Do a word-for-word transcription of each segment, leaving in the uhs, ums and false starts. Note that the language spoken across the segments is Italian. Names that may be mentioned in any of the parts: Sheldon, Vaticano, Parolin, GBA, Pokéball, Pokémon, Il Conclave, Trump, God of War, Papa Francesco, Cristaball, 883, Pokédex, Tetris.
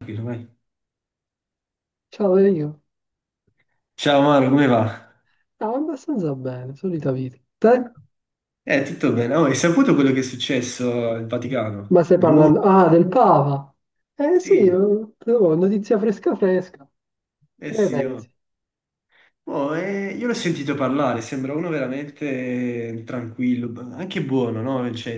Tranquillo, vai. Ciao Dario, Ciao Maro, come va? stavo abbastanza bene, solita vita. Te? Eh, tutto bene. Oh, hai saputo quello che è successo al Vaticano? Ma stai Il Nuovo? parlando? Ah, del Papa! Eh sì, Sì, eh, però, notizia fresca fresca. eh Che ne sì, oh. pensi? Oh, eh, io l'ho sentito parlare, sembra uno veramente tranquillo, b- anche buono, no? Cioè,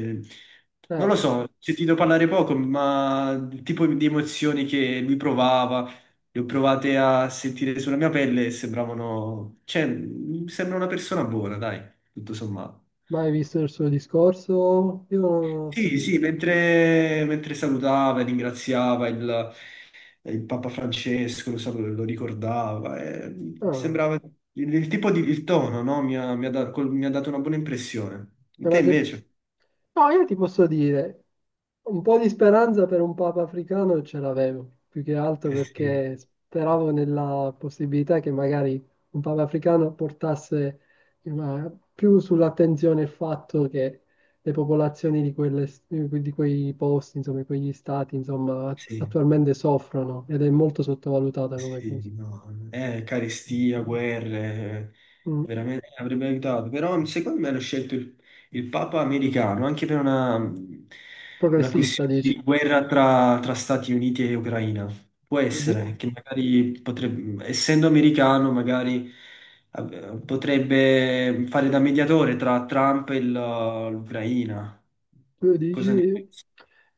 non lo Eh, so, ho sentito parlare poco, ma il tipo di emozioni che lui provava, le ho provate a sentire sulla mia pelle e sembravano... Cioè, mi sembra una persona buona, dai, tutto sommato. mai visto il suo discorso? Io non l'ho Sì, seguito. sì, mentre, mentre salutava e ringraziava il, il Papa Francesco, lo, salu- lo ricordava, e Ah. sembrava il, il tipo di il tono, no? Mi ha, mi ha da- col- mi ha dato una buona impressione. Te Ma se tu- invece? No, io ti posso dire, un po' di speranza per un Papa africano ce l'avevo, più che altro Eh sì, perché speravo nella possibilità che magari un Papa africano portasse una- più sull'attenzione il fatto che le popolazioni di, quelle- di quei posti, insomma, di quegli stati, insomma, sì. attualmente soffrono ed è molto sottovalutata come Sì, cosa. no, eh, carestia, guerre, Mm. veramente avrebbe aiutato. Però secondo me hanno scelto il, il Papa americano anche per una, una Progressista, questione dici? di guerra tra, tra Stati Uniti e Ucraina. Può Tu di- essere che magari potrebbe, essendo americano, magari eh, potrebbe fare da mediatore tra Trump e la- l'Ucraina. Tu dici?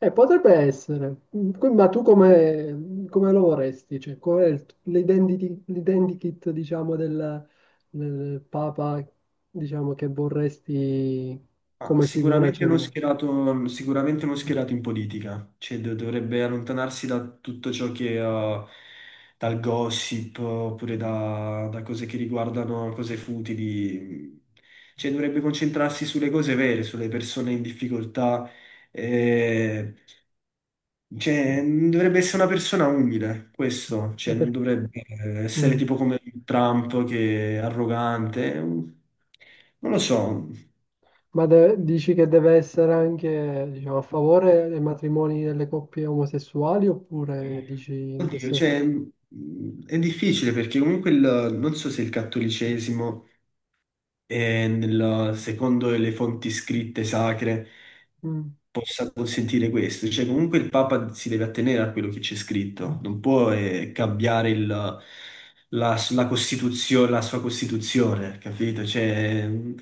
Eh, potrebbe essere. Mm, que- ma tu come, come lo vorresti? Cioè, qual è il- t- l'identity- l'identikit, diciamo, del, del Papa, diciamo, che vorresti Ah, come figura sicuramente non centrale? schierato, sicuramente non schierato in politica, cioè do- dovrebbe allontanarsi da tutto ciò che eh, dal gossip oppure da, da cose che riguardano cose futili, cioè dovrebbe concentrarsi sulle cose vere, sulle persone in difficoltà, eh, cioè, dovrebbe essere una persona umile, questo, E cioè non per- dovrebbe essere mm. tipo come Trump che è arrogante, non lo so. Ma de- dici che deve essere anche, diciamo, a favore dei matrimoni delle coppie omosessuali oppure dici in Oddio, questo... cioè, mh, è difficile perché comunque il- non so se il cattolicesimo è, nel- secondo le fonti scritte sacre, Mm. possa consentire questo. Cioè, comunque il Papa si deve attenere a quello che c'è scritto, non può eh, cambiare il- la, la costituzio- la sua Costituzione, capito? Cioè, mh,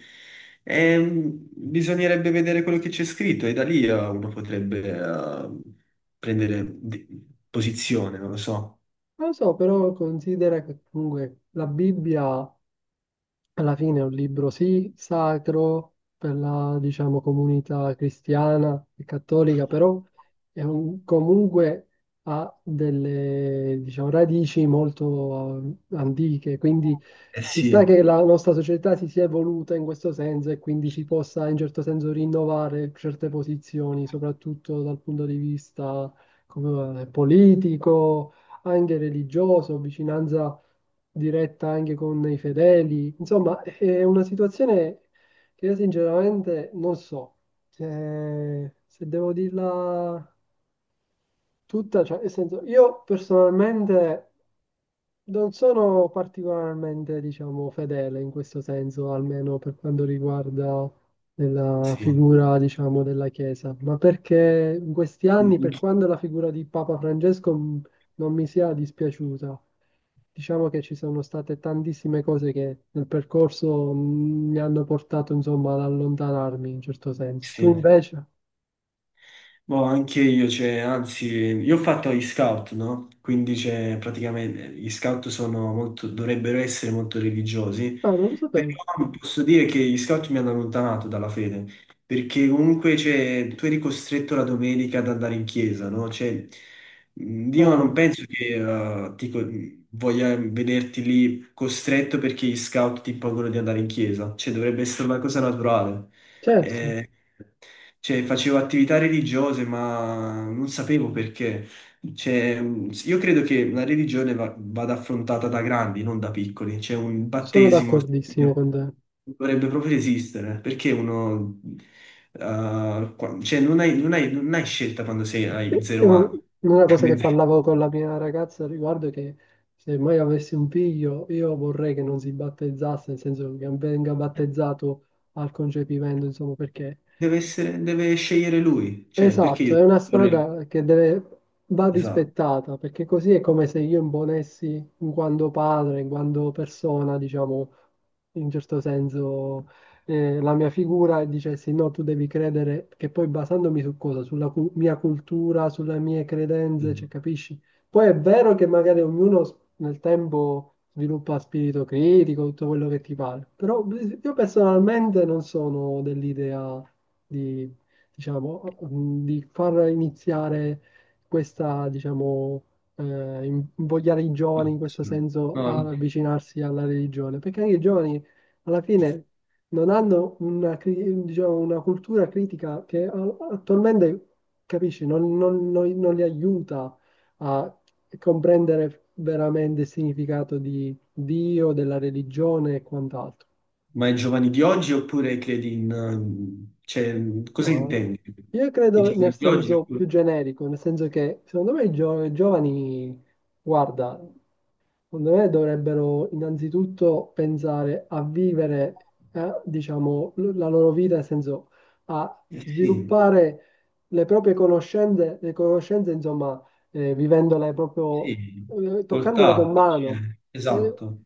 è- mh, bisognerebbe vedere quello che c'è scritto e da lì eh, uno potrebbe eh, prendere di- posizione, non lo so. Non lo so, però considera che comunque la Bibbia alla fine è un libro, sì, sacro per la, diciamo, comunità cristiana e cattolica, però è un- comunque ha delle, diciamo, radici molto eh, antiche, quindi Eh ci sta sì, che la nostra società si sia evoluta in questo senso e quindi si possa in certo senso rinnovare certe posizioni, soprattutto dal punto di vista come, eh, politico, anche religioso, vicinanza diretta anche con i fedeli. Insomma, è una situazione che io sinceramente non so. Eh, se devo dirla tutta, cioè, nel senso, io personalmente. Non sono particolarmente, diciamo, fedele in questo senso, almeno per quanto riguarda la sì. figura, diciamo, della Chiesa, ma perché in questi Mm, anni, mm, per quanto la figura di Papa Francesco mh, non mi sia dispiaciuta, diciamo che ci sono state tantissime cose che nel percorso mh, mi hanno portato, insomma, ad allontanarmi in certo senso. Tu sì. invece? Boh, anche io, cioè, anzi, io ho fatto gli scout, no? Quindi, cioè, praticamente gli scout sono molto, dovrebbero essere molto religiosi, Ah, non lo sapevo. però posso dire che gli scout mi hanno allontanato dalla fede, perché comunque, cioè, tu eri costretto la domenica ad andare in chiesa, no? Cioè, mh, Dio non Ah, penso che eh, ti co- voglia vederti lì costretto perché gli scout ti impongono di andare in chiesa, cioè, dovrebbe essere una cosa naturale. certo, Eh, cioè, facevo attività religiose, ma non sapevo perché. Cioè, io credo che la religione va- vada affrontata da grandi, non da piccoli. C'è un sono battesimo d'accordissimo che con te. dovrebbe proprio esistere, perché uno... eh, qua- cioè, non hai, non hai- non hai scelta quando sei, hai È zero un- anni. una cosa che parlavo con la mia ragazza al riguardo è che se mai avessi un figlio, io vorrei che non si battezzasse, nel senso che venga battezzato al concepimento, insomma, perché. Deve essere, deve scegliere lui. Cioè, perché Esatto, io... è una strada che deve, va Esatto. rispettata, perché così è come se io imponessi in quanto padre, in quanto persona, diciamo, in certo senso, eh, la mia figura e dicessi no, tu devi credere, che poi basandomi su cosa? Sulla cu- mia cultura, sulle mie credenze, cioè, capisci? Poi è vero che magari ognuno s- nel tempo sviluppa spirito critico, tutto quello che ti pare, però io personalmente non sono dell'idea di, diciamo, mm, di far iniziare questa, diciamo, eh, in- invogliare i giovani in questo senso No, ad no. avvicinarsi alla religione, perché anche i giovani alla fine non hanno una, cri- diciamo, una cultura critica che a- attualmente, capisci, non, non- non- non li aiuta a comprendere veramente il significato di Dio, della religione e quant'altro. Ma i giovani di oggi oppure credi in... eh, cioè, cosa No, intendi? io I credo nel giovani di oggi senso oppure... più generico, nel senso che secondo me i gio- giovani, guarda, secondo me dovrebbero innanzitutto pensare a vivere, eh, diciamo, l- la loro vita, nel senso a eh, sì, sviluppare le proprie conoscenze, le conoscenze, insomma, eh, vivendole proprio, sì, eh, col toccandole con tatto, cioè, mano. esatto.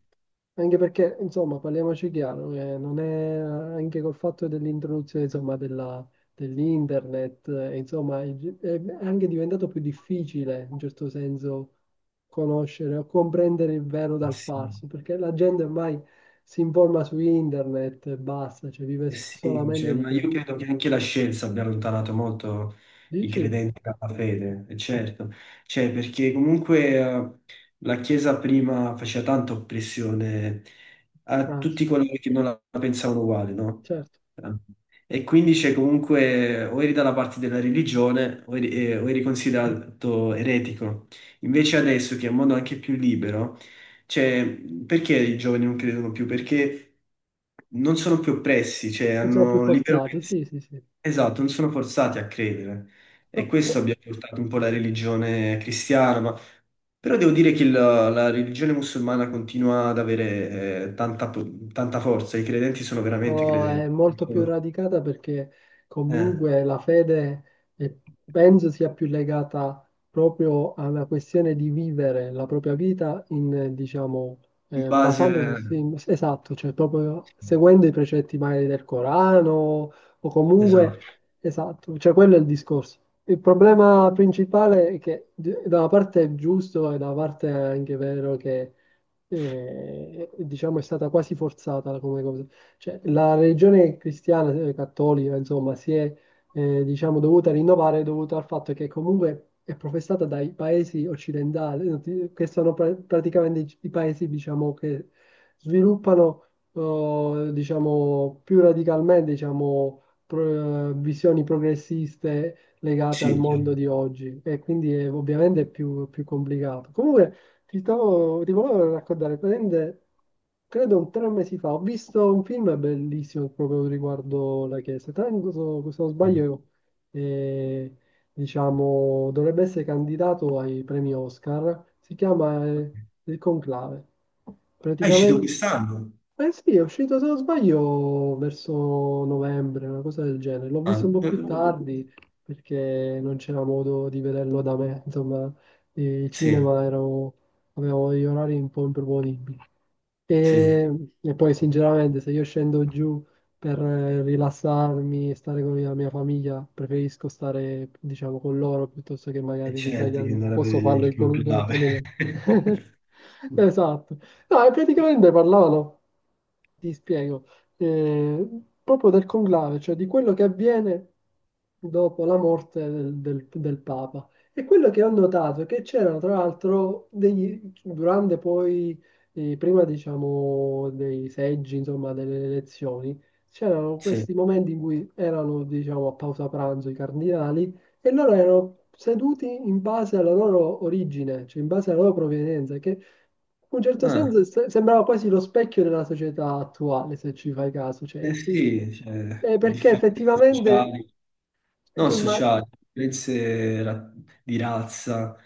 Anche perché, insomma, parliamoci chiaro, eh, non è anche col fatto dell'introduzione, insomma, della- dell'internet, eh, insomma, è, è anche diventato più difficile, in certo senso, conoscere o comprendere il vero dal Sì. falso, perché la gente ormai si informa su internet e basta, cioè vive Eh s- sì, solamente cioè, di ma io quello. credo che anche la scienza abbia allontanato molto i Dici? credenti dalla fede, e certo, cioè, perché comunque eh, la Chiesa prima faceva tanta oppressione a Ah, sì, tutti coloro che non la pensavano uguale, no? certo, E quindi c'è comunque o eri dalla parte della religione o eri, eh, o eri considerato eretico. Invece adesso che è un mondo anche più libero, cioè, perché i giovani non credono più? Perché non sono più oppressi, cioè non sono più hanno libero forzati, pensiero. sì, sì, sì. Esatto, non sono forzati a credere. E questo Ma- abbia portato un po' la religione cristiana, ma... Però devo dire che la, la religione musulmana continua ad avere eh, tanta, po- tanta forza, i credenti sono veramente No, è credenti. molto più Sono- radicata perché eh, comunque la fede eh, penso sia più legata proprio alla questione di vivere la propria vita in, eh, diciamo, in eh, base... basandosi, esatto, cioè proprio seguendo i precetti magari del Corano o comunque, Esatto, esatto, cioè quello è il discorso. Il problema principale è che d- da una parte è giusto e da una parte è anche vero che eh, diciamo è stata quasi forzata come cosa. Cioè, la religione cristiana, eh, cattolica, insomma, si è, eh, diciamo, dovuta rinnovare dovuto al fatto che comunque è professata dai paesi occidentali, eh, che sono pra- praticamente i i paesi, diciamo, che sviluppano, eh, diciamo, più radicalmente, diciamo, pro- visioni progressiste legate al sì. mondo Chiaro. di oggi e quindi è ovviamente più, più complicato. Comunque, ti stavo, ti volevo raccontare, praticamente, credo un tre mesi fa, ho visto un film bellissimo proprio riguardo la Chiesa. Tra l'altro, se se non Sì. sbaglio, eh, diciamo, dovrebbe essere candidato ai premi Oscar. Si chiama, eh, Il Conclave. Ah, è uscito Praticamente, quest'anno? eh sì, è uscito, se non sbaglio, verso novembre, una cosa del genere. L'ho Ah, visto un po' più tardi perché non c'era modo di vederlo da me, insomma il sì, cinema ero avevo degli orari un po' improponibili. sì. E, e poi sinceramente se io scendo giù per eh, rilassarmi e stare con la mia famiglia, preferisco stare, diciamo, con loro piuttosto che E magari certo che ritagliarmi. andare a Posso vedere farlo il in qualunque conclave. altro momento. Esatto. No, e praticamente parlavano, ti spiego, eh, proprio del conclave, cioè di quello che avviene dopo la morte del, del- del Papa. E quello che ho notato è che c'erano tra l'altro degli, durante poi, eh, prima diciamo dei seggi, insomma delle elezioni, c'erano Sì. questi momenti in cui erano diciamo a pausa pranzo i cardinali e loro erano seduti in base alla loro origine, cioè in base alla loro provenienza, che in un certo Ah, senso se- sembrava quasi lo specchio della società attuale, se ci fai caso, cioè, eh ci- sì, cioè, eh, perché differenze effettivamente sociali. Non tu sociali, differenze ra- di razza,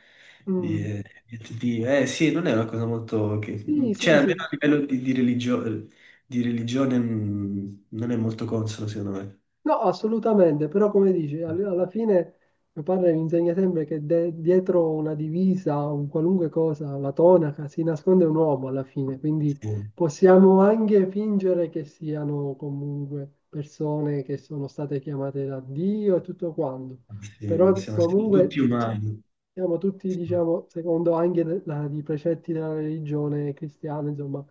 di, immagini... eh, di etnie. Eh sì, non è una cosa molto... Che, sì, cioè, sì, almeno sì. a livello di, di religio- di religione, mh, non è molto consono, secondo me. No, assolutamente, però come dici, all- alla fine mio padre mi insegna sempre che de- dietro una divisa, un qualunque cosa, la tonaca, si nasconde un uomo alla fine, quindi Sì, possiamo anche fingere che siano comunque persone che sono state chiamate da Dio e tutto quanto, sì, però siamo, siamo comunque tutti so- umani. siamo tutti, diciamo, secondo anche le- la- i precetti della religione cristiana, insomma,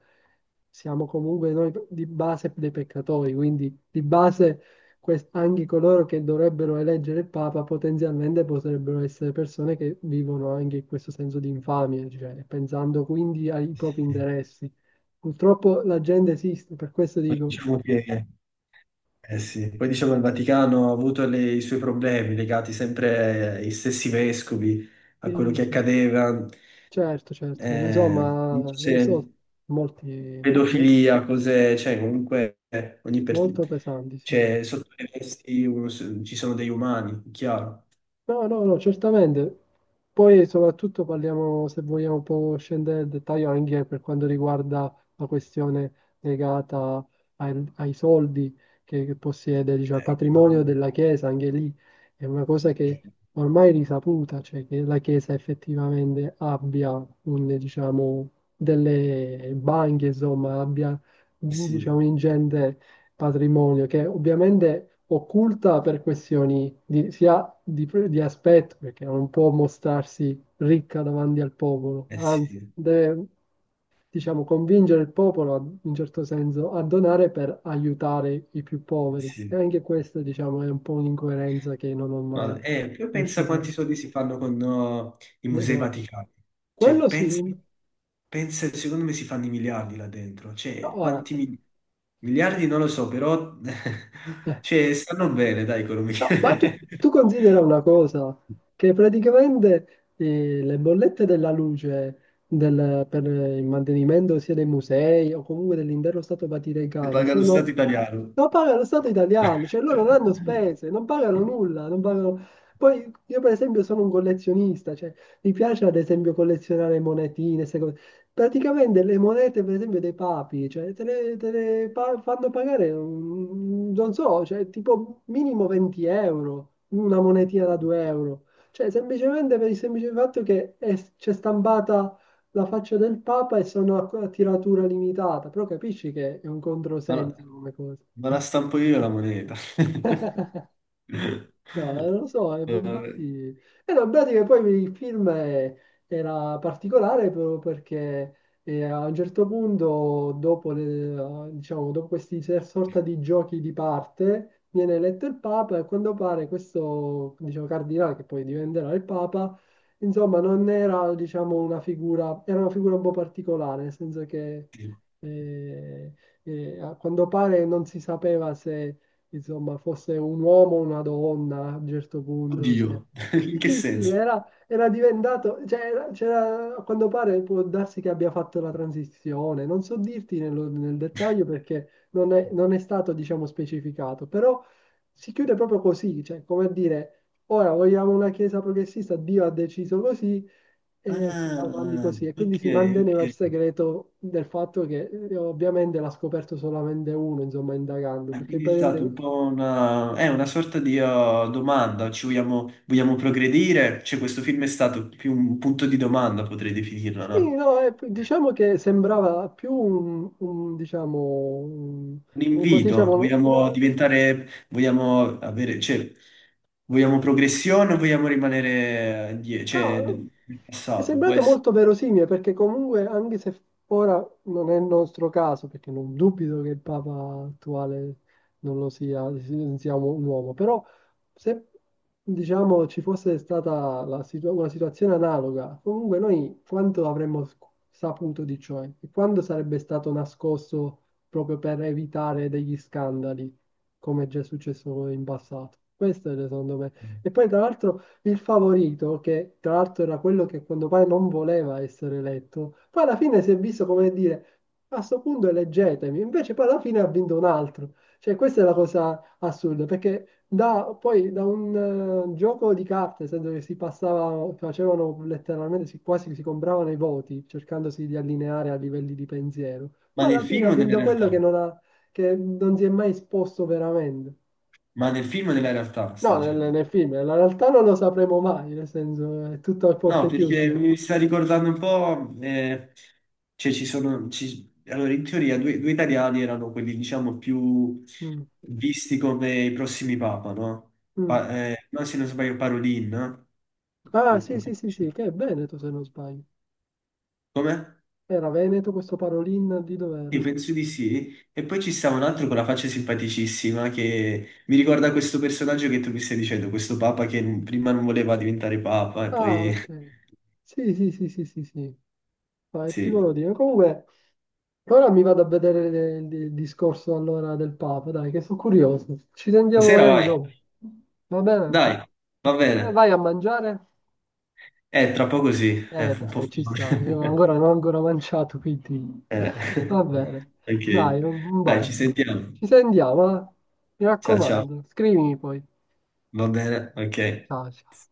siamo comunque noi di base dei peccatori, quindi di base quest- anche coloro che dovrebbero eleggere il Papa potenzialmente potrebbero essere persone che vivono anche questo senso di infamia, cioè pensando quindi ai propri Sì. interessi. Purtroppo la gente esiste, per questo Poi dico, diciamo che... eh sì, poi diciamo che il Vaticano ha avuto le- i suoi problemi legati sempre ai stessi vescovi, a quello sì, che sì, sì, accadeva. certo, certo, Eh, insomma, Non so se lo so, molti, mo- pedofilia, cose, cioè comunque eh, ogni per... molto pesanti, sì. cioè, sotto le vesti uno s- ci sono degli umani, chiaro. No, no, no, certamente. Poi soprattutto parliamo, se vogliamo, un po' scendere nel dettaglio anche per quanto riguarda la questione legata ai, ai soldi che, che possiede, diciamo, il Eh, patrimonio chiaro. della Chiesa, anche lì è una cosa che Eh, ormai è risaputa, cioè che la Chiesa effettivamente abbia un, diciamo, delle banche, insomma, abbia, eh sì, diciamo, ingente patrimonio che ovviamente occulta per questioni di, sia di, di aspetto, perché non può mostrarsi ricca davanti al popolo, eh anzi sì, eh deve, diciamo, convincere il popolo a- in certo senso a donare per aiutare i più poveri. E sì. anche questa, diciamo, è un po' un'incoerenza che non ho Ma mai eh, più pensa riuscito a quanti soldi si fanno con no, i le musei doti. vaticani. Cioè, Quello sì, pensa, no, pensa, secondo me si fanno i miliardi là dentro. Cioè, ora, quanti mi- miliardi non lo so, però eh, cioè, stanno bene, dai, economia. no, ma tu, tu, Le considera una cosa, che praticamente eh, le bollette della luce del- per il mantenimento sia dei musei o comunque dell'intero Stato Vaticano paga lo Stato sono, italiano. lo paga lo Stato italiano, cioè loro non Eh, hanno spese, non pagano nulla, non pagano... Poi io per esempio sono un collezionista, cioè mi piace ad esempio collezionare monetine. Praticamente le monete, per esempio, dei papi, cioè, te le, te le pa- fanno pagare, un- non so, cioè, tipo minimo venti euro, una monetina da due euro. Cioè, semplicemente per il semplice fatto che è- c'è stampata la faccia del papa e sono a, a tiratura limitata. Però capisci che è un Ma la, controsenso come cosa. ma la stampo io la moneta. No, eh, non lo so, eh, Vabbè. infatti... E no, in pratica poi il film è- era particolare proprio perché eh, a un certo punto, dopo, le- diciamo, dopo questi se- sorta di giochi di parte, viene eletto il Papa e a quanto pare questo, diciamo, cardinale, che poi diventerà il Papa, insomma, non era, diciamo, una figura... Era una figura un po' particolare, nel senso che... eh, eh, a quanto pare non si sapeva se insomma, fosse un uomo o una donna a un certo punto. Cioè. Oddio, in che Sì, sì, senso? era, era diventato, cioè, era- c'era- a quanto pare può darsi che abbia fatto la transizione, non so dirti nello- nel dettaglio perché non è, non è stato, diciamo, specificato, però si chiude proprio così, cioè, come a dire, ora vogliamo una chiesa progressista, Dio ha deciso così e si va avanti Ah, così, e ok, quindi si ok. manteneva il segreto del fatto che eh, ovviamente l'ha scoperto solamente uno, insomma, indagando, E perché quindi è stata un praticamente po' una, è una sorta di uh, domanda, ci vogliamo, vogliamo progredire? Cioè, questo film è stato più un punto di domanda, potrei definirlo, sì, no? no, eh, diciamo che sembrava più un, un, diciamo, un, Un un- come ti invito, dicevo, una- vogliamo diventare, vogliamo avere, cioè, vogliamo progressione o vogliamo rimanere eh, die- cioè, no. nel nel È passato? Può sembrato essere, molto verosimile perché comunque, anche se ora non è il nostro caso, perché non dubito che il Papa attuale non lo sia, non sia un uomo, però se diciamo ci fosse stata la situ- una situazione analoga, comunque noi quanto avremmo sc- saputo di ciò e quanto sarebbe stato nascosto proprio per evitare degli scandali, come è già successo in passato. Questo è secondo me. E poi tra l'altro il favorito, che tra l'altro era quello che quando pare non voleva essere eletto, poi alla fine si è visto come dire, a sto punto eleggetemi, invece poi alla fine ha vinto un altro. Cioè, questa è la cosa assurda, perché da, poi da un eh, gioco di carte, nel senso che si passava, facevano letteralmente, si, quasi si compravano i voti, cercandosi di allineare a livelli di pensiero. ma Poi nel alla fine ha film o nella vinto quello che realtà? non ha, che non si è mai esposto veramente. Ma nel film o nella realtà, stai No, nel, dicendo? nel film, nella realtà non lo sapremo mai, nel senso è tutto a No, porte perché chiuse. mi sta ricordando un po', eh, cioè ci sono, ci- allora in teoria due, due italiani erano quelli diciamo più Mm, visti come i prossimi papa, no? mm. Pa- eh, no, se non sbaglio Parolin, no? Ah, sì, sì, sì, sì, che è Veneto se non sbaglio. Come? Era Veneto questo Parolin di Sì, dov'era? penso di sì. E poi ci sta un altro con la faccia simpaticissima che mi ricorda questo personaggio che tu mi stai dicendo, questo papa che n- prima non voleva diventare papa e Ah, poi... ok. Sì, sì, sì, sì, sì, sì. Vai, ti Sì. volevo dire. Comunque, ora mi vado a vedere le- il, il discorso allora del Papa, dai, che sono curioso. Ci sentiamo Buonasera, magari vai. dopo. Va bene? Dai, va Eh, bene. Vai a mangiare? È troppo così, è Eh un po' dai, ci sta, io folle. ancora non ho ancora mangiato, quindi Eh, va bene. Ok, Dai, un un dai, ci bacio. sentiamo. Ci sentiamo, eh? Mi Ciao ciao, raccomando, scrivimi poi. va bene, ok. Ciao, ciao.